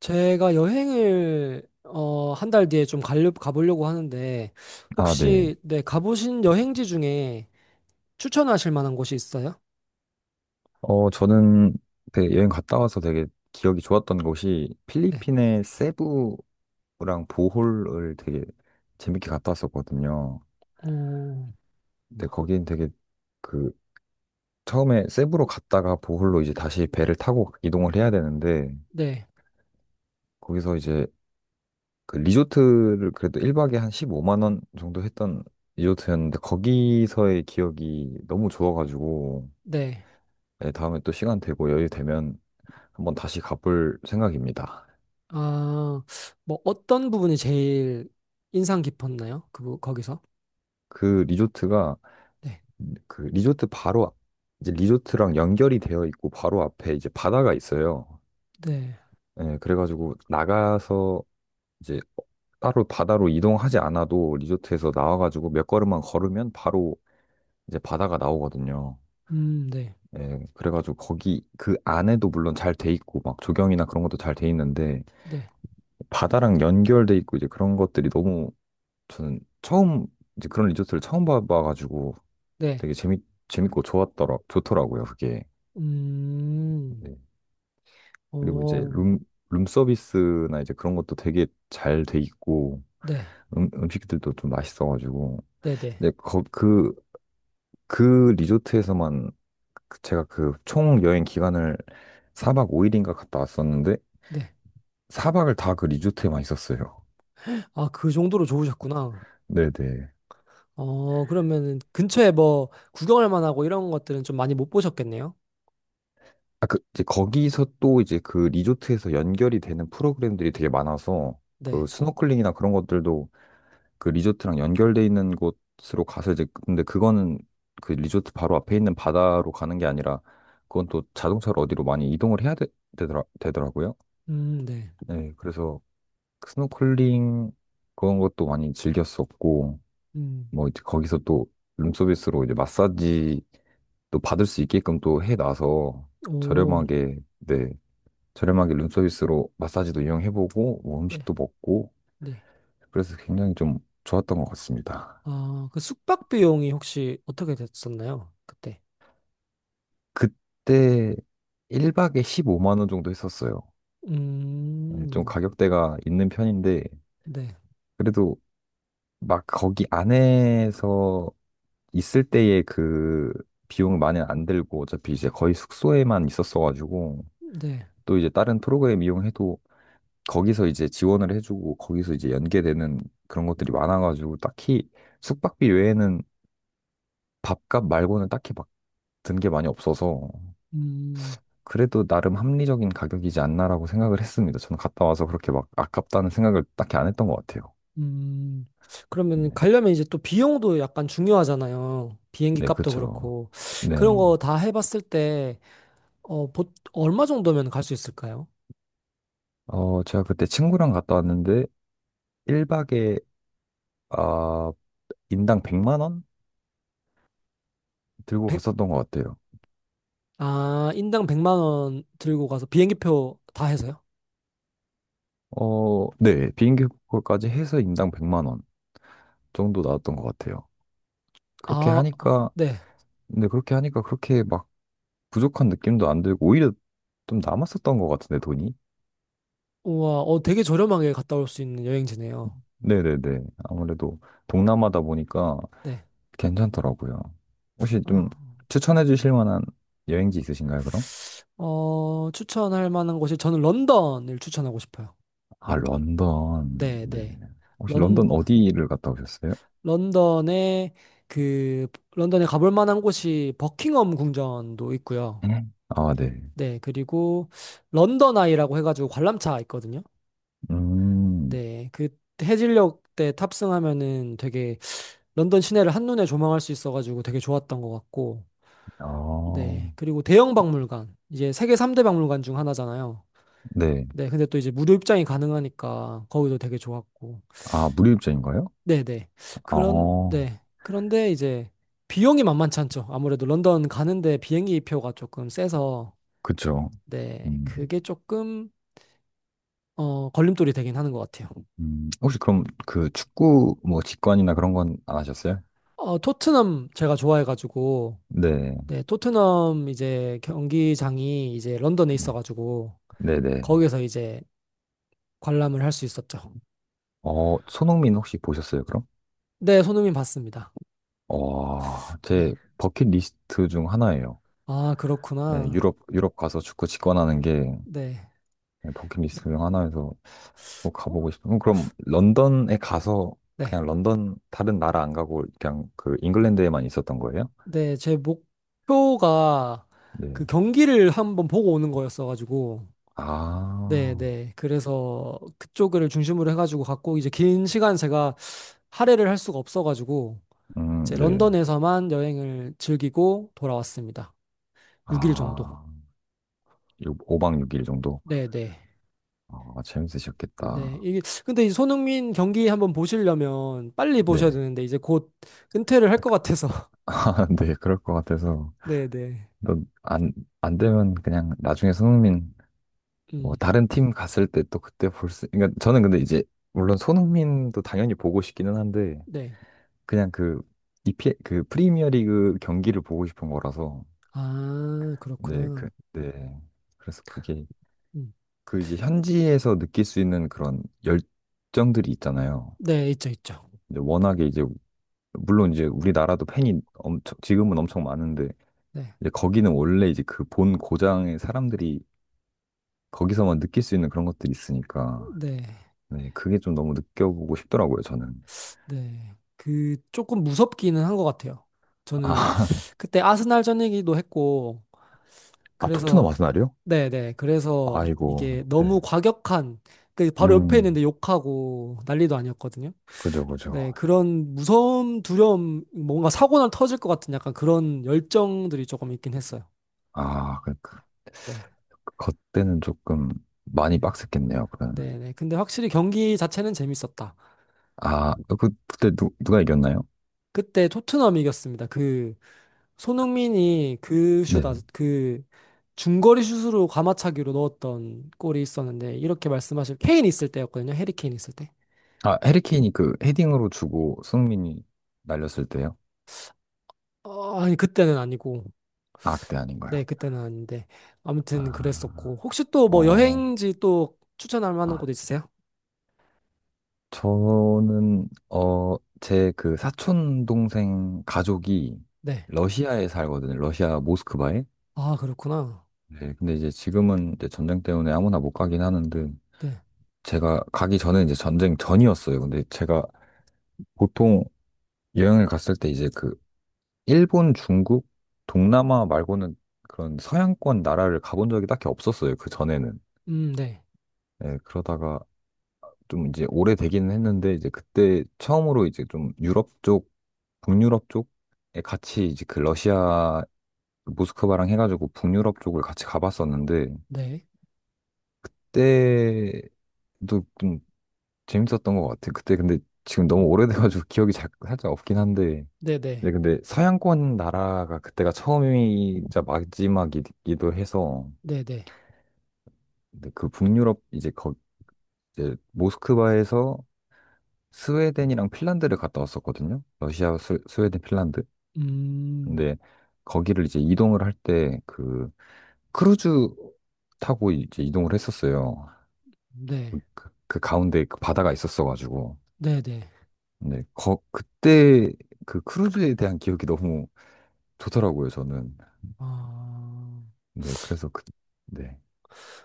제가 여행을 한 달 뒤에 좀 가보려고 하는데 아, 네. 혹시 네, 가보신 여행지 중에 추천하실 만한 곳이 있어요? 저는 되게 여행 갔다 와서 되게 기억이 좋았던 곳이 네. 필리핀의 세부랑 보홀을 되게 재밌게 갔다 왔었거든요. 오. 근데 거긴 되게 그 처음에 세부로 갔다가 보홀로 이제 다시 배를 타고 이동을 해야 되는데, 네. 거기서 이제 그 리조트를 그래도 1박에 한 15만 원 정도 했던 리조트였는데, 거기서의 기억이 너무 좋아가지고 네. 네, 다음에 또 시간 되고 여유 되면 한번 다시 가볼 생각입니다. 아, 뭐 어떤 부분이 제일 인상 깊었나요? 거기서? 그 리조트가 네. 그 리조트 바로 이제 리조트랑 연결이 되어 있고 바로 앞에 이제 바다가 있어요. 네. 예, 그래가지고 나가서 이제 따로 바다로 이동하지 않아도 리조트에서 나와가지고 몇 걸음만 걸으면 바로 이제 바다가 나오거든요. 네. 예, 그래가지고 거기 그 안에도 물론 잘 돼 있고 막 조경이나 그런 것도 잘 돼 있는데 네. 바다랑 연결돼 있고 이제 그런 것들이 너무 저는 처음 이제 그런 리조트를 처음 봐봐가지고 네. 되게 재밌고 좋더라고요, 그게. 음. 네. 그리고 이제 오. 룸 서비스나 이제 그런 것도 되게 잘 돼 있고, 네. 음식들도 좀 맛있어가지고. 네, 네. 근데 그 리조트에서만 제가 그 총 여행 기간을 4박 5일인가 갔다 왔었는데, 네. 4박을 다 그 리조트에만 있었어요. 아, 그 정도로 좋으셨구나. 네네. 그러면은 근처에 뭐 구경할 만하고 이런 것들은 좀 많이 못 보셨겠네요. 아, 그, 이제 거기서 또 이제 그 리조트에서 연결이 되는 프로그램들이 되게 많아서, 네. 그 스노클링이나 그런 것들도 그 리조트랑 연결돼 있는 곳으로 가서 이제 근데 그거는 그 리조트 바로 앞에 있는 바다로 가는 게 아니라 그건 또 자동차로 어디로 많이 이동을 해야 되더라고요. 네. 네, 그래서 스노클링 그런 것도 많이 즐겼었고 음. 뭐 이제 거기서 또 룸서비스로 이제 마사지 또 받을 수 있게끔 또 해놔서 오, 저렴하게 네 저렴하게 룸서비스로 마사지도 이용해보고 뭐 네. 음식도 먹고 네. 그래서 굉장히 좀 좋았던 것 같습니다. 아, 그 숙박 비용이 혹시 어떻게 됐었나요? 그때. 그때 1박에 15만 원 정도 했었어요. 예, 좀 음. 가격대가 있는 편인데 네. 그래도 막 거기 안에서 있을 때의 그 비용 많이 안 들고 어차피 이제 거의 숙소에만 있었어가지고 네. 또 이제 다른 프로그램 이용해도 거기서 이제 지원을 해주고 거기서 이제 연계되는 그런 것들이 많아가지고 딱히 숙박비 외에는 밥값 말고는 딱히 막 든 게 많이 없어서 음. 그래도 나름 합리적인 가격이지 않나라고 생각을 했습니다. 저는 갔다 와서 그렇게 막 아깝다는 생각을 딱히 안 했던 것 같아요. 음. 그러면 네, 가려면 이제 또 비용도 약간 중요하잖아요. 비행기 네, 값도 그쵸. 그렇고. 그런 네. 거 다 해봤을 때, 어, 보, 얼마 정도면 갈 수 있을까요? 제가 그때 친구랑 갔다 왔는데 1박에 아, 인당 100만 원 들고 갔었던 것 같아요. 아, 인당 100만 원 들고 가서 비행기표 다 해서요? 어, 네. 비행기 표까지 해서 인당 100만 원 정도 나왔던 것 같아요. 그렇게 아, 하니까 네. 근데 그렇게 하니까 그렇게 막 부족한 느낌도 안 들고 오히려 좀 남았었던 것 같은데 돈이. 우와, 어, 되게 저렴하게 갔다 올 수 있는 여행지네요. 네네네. 아무래도 동남아다 보니까 네. 괜찮더라고요. 혹시 좀 어, 추천해 주실 만한 여행지 있으신가요, 그럼? 추천할 만한 곳이 저는 런던을 추천하고 싶어요. 아, 런던. 네, 네. 네. 혹시 런, 런던 어디를 갔다 오셨어요? 런던에 그 런던에 가볼 만한 곳이 버킹엄 궁전도 있고요. 네. 아, 네. 네, 그리고 런던 아이라고 해가지고 관람차 있거든요. 음, 네, 그 해질녘 때 탑승하면은 되게 런던 시내를 한눈에 조망할 수 있어가지고 되게 좋았던 것 같고, 아, 네. 그리고 대형 박물관, 이제 세계 3대 박물관 중 하나잖아요. 네. 네. 근데 또 이제 무료 입장이 가능하니까 거기도 되게 좋았고, 아, 무료입장인가요? 네네. 아, 네. 그런데 이제 비용이 만만치 않죠. 아무래도 런던 가는데 비행기 표가 조금 세서, 그쵸. 네. 음, 그게 조금, 어, 걸림돌이 되긴 하는 것 같아요. 혹시 그럼 그 축구 뭐 직관이나 그런 건 안 하셨어요? 어, 토트넘 제가 좋아해가지고, 네. 네, 토트넘 이제 경기장이 이제 런던에 네. 있어가지고, 네네. 거기서 이제 관람을 할 수 있었죠. 어, 손흥민 혹시 보셨어요, 그럼? 네, 손흥민 봤습니다. 와, 네. 제 버킷리스트 중 하나예요. 아, 네, 그렇구나. 유럽, 유럽 가서 축구 직관하는 게 네. 네, 버킷리스트 중 하나여서 꼭 가보고 싶어요. 그럼 런던에 가서 네. 그냥 런던 다른 나라 안 가고 그냥 그 잉글랜드에만 있었던 거예요? 네, 제 목표가 그 네. 경기를 한번 보고 오는 거였어가지고. 네, 아, 네. 그래서 그쪽을 중심으로 해가지고 갔고, 이제 긴 시간 제가 할애를 할 수가 없어가지고, 이제 네. 런던에서만 여행을 즐기고 돌아왔습니다. 6일 정도. 아, 5박 6일 정도? 네, 네. 아, 네, 재밌으셨겠다. 이게 근데 이 손흥민 경기 한번 보시려면 빨리 보셔야 네. 되는데 이제 곧 은퇴를 할 것 같아서. 아, 네, 그럴 것 같아서. 네, 네. 너 안, 안 되면 그냥 나중에 손흥민 뭐 음. 다른 팀 갔을 때 또 그때 볼 수, 그러니까 저는 근데 이제 물론 손흥민도 당연히 보고 싶기는 한데 네. 그냥 그 이피 그 프리미어리그 경기를 보고 싶은 거라서 아, 네, 그렇구나. 그, 네. 그래서 그게 음. 그 이제 현지에서 느낄 수 있는 그런 열정들이 있잖아요. 네, 있죠, 있죠. 이제 워낙에 이제 물론 이제 우리나라도 팬이 엄청 지금은 엄청 많은데 네. 이제 거기는 원래 이제 그 본 고장의 사람들이 거기서만 느낄 수 있는 그런 것들이 있으니까 네. 네, 그게 좀 너무 느껴보고 싶더라고요, 저는. 네. 그 조금 무섭기는 한 것 같아요. 저는 아, 그때 아스날전이기도 했고 아, 토트넘 그래서 아스날이요? 네, 네. 그래서 아이고, 이게 네. 너무 과격한 그 바로 옆에 음, 있는데 욕하고 난리도 아니었거든요. 그죠, 네, 그죠. 그런 무서움, 두려움, 뭔가 사고날 터질 것 같은 약간 그런 열정들이 조금 있긴 했어요. 아, 그, 그, 네, 그때는 조금 많이 빡셌겠네요, 그러면. 네, 네. 근데 확실히 경기 자체는 재밌었다. 아, 그, 그때 누가 이겼나요? 그때 토트넘이 이겼습니다. 그 손흥민이 네. 그 중거리 슛으로 가마차기로 넣었던 골이 있었는데 이렇게 말씀하실 케인 있을 때였거든요. 해리 케인 있을 때. 아, 해리케인이 그 헤딩으로 주고 손흥민이 날렸을 때요? 어, 아니 그때는 아니고, 아, 그때 네, 아닌가요? 그때는 아닌데 아무튼 아, 그랬었고 혹시 또 뭐 어, 여행지 또 추천할 만한 아, 곳 있으세요? 저는, 어, 제 그 사촌 동생 가족이 네. 러시아에 살거든요. 러시아 모스크바에. 아, 그렇구나. 네, 근데 이제 지금은 이제 전쟁 때문에 아무나 못 가긴 하는데, 네. 제가 가기 전에 이제 전쟁 전이었어요. 근데 제가 보통 여행을 갔을 때 이제 그 일본, 중국, 동남아 말고는 그런 서양권 나라를 가본 적이 딱히 없었어요. 그 전에는. 네. 네, 그러다가 좀 이제 오래되기는 했는데, 이제 그때 처음으로 이제 좀 유럽 쪽, 북유럽 쪽에 같이 이제 그 러시아, 모스크바랑 해가지고 북유럽 쪽을 같이 가봤었는데, 네. 그때 또 재밌었던 것 같아. 그때 근데 지금 너무 오래돼가지고 기억이 살짝 없긴 한데. 이제 네네. 근데 서양권 나라가 그때가 처음이자 마지막이기도 해서 네네. 근데 그 북유럽 이제 거 이제 모스크바에서 스웨덴이랑 핀란드를 갔다 왔었거든요. 러시아, 스웨덴, 핀란드. 음, 근데 거기를 이제 이동을 할 때 그 크루즈 타고 이제 이동을 했었어요. 네. 그, 그 그 가운데 그 바다가 있었어가지고. 네네. 근데 거, 그때 그 크루즈에 대한 기억이 너무 좋더라고요, 저는. 아, 네, 그래서 그, 네.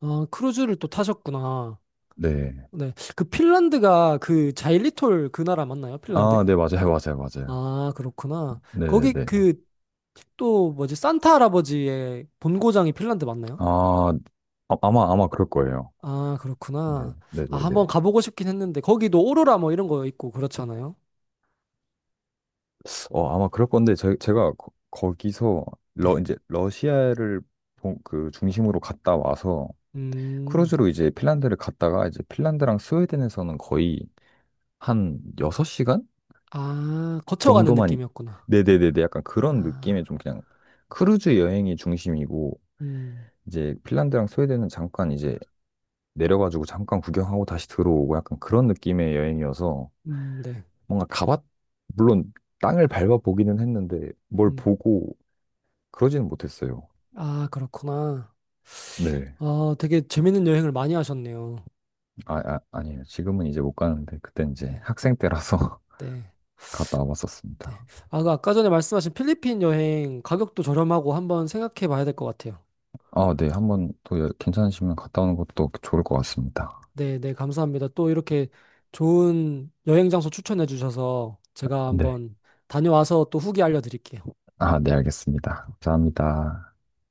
아, 크루즈를 또 타셨구나. 네. 네. 그 핀란드가 그 자일리톨 그 나라 맞나요? 핀란드? 아, 네, 맞아요, 맞아요, 맞아요. 아, 그렇구나. 거기 네네네. 그 또 뭐지? 산타 할아버지의 본고장이 핀란드 맞나요? 아, 아마 그럴 거예요. 아, 네, 그렇구나. 아, 네네네. 한번 가보고 싶긴 했는데 거기도 오로라 뭐 이런 거 있고 그렇잖아요. 어, 아마 그럴 건데, 제가 거, 기서 네. 러, 이제, 러시아를 그 중심으로 갔다 와서, 음. 크루즈로 이제 핀란드를 갔다가, 이제 핀란드랑 스웨덴에서는 거의 한 6시간 아, 거쳐가는 정도만. 느낌이었구나. 네네네네. 약간 그런 아. 느낌의 좀 그냥 크루즈 여행이 중심이고, 음, 이제 핀란드랑 스웨덴은 잠깐 이제 내려가지고 잠깐 구경하고 다시 들어오고 약간 그런 느낌의 여행이어서 네. 뭔가 물론 땅을 밟아보기는 했는데 뭘 음. 보고 그러지는 못했어요. 아, 그렇구나. 네. 아, 되게 재밌는 여행을 많이 하셨네요. 아니에요. 지금은 이제 못 가는데 그때 이제 네, 학생 때라서 네, 갔다 네. 와봤었습니다. 아, 그 아까 전에 말씀하신 필리핀 여행 가격도 저렴하고 한번 생각해 봐야 될 것 같아요. 아, 네. 한 번 또 괜찮으시면 갔다 오는 것도 좋을 것 같습니다. 네, 네, 감사합니다. 또 이렇게 좋은 여행 장소 추천해 주셔서 제가 네. 한번 다녀와서 또 후기 알려드릴게요. 아, 네. 알겠습니다. 감사합니다.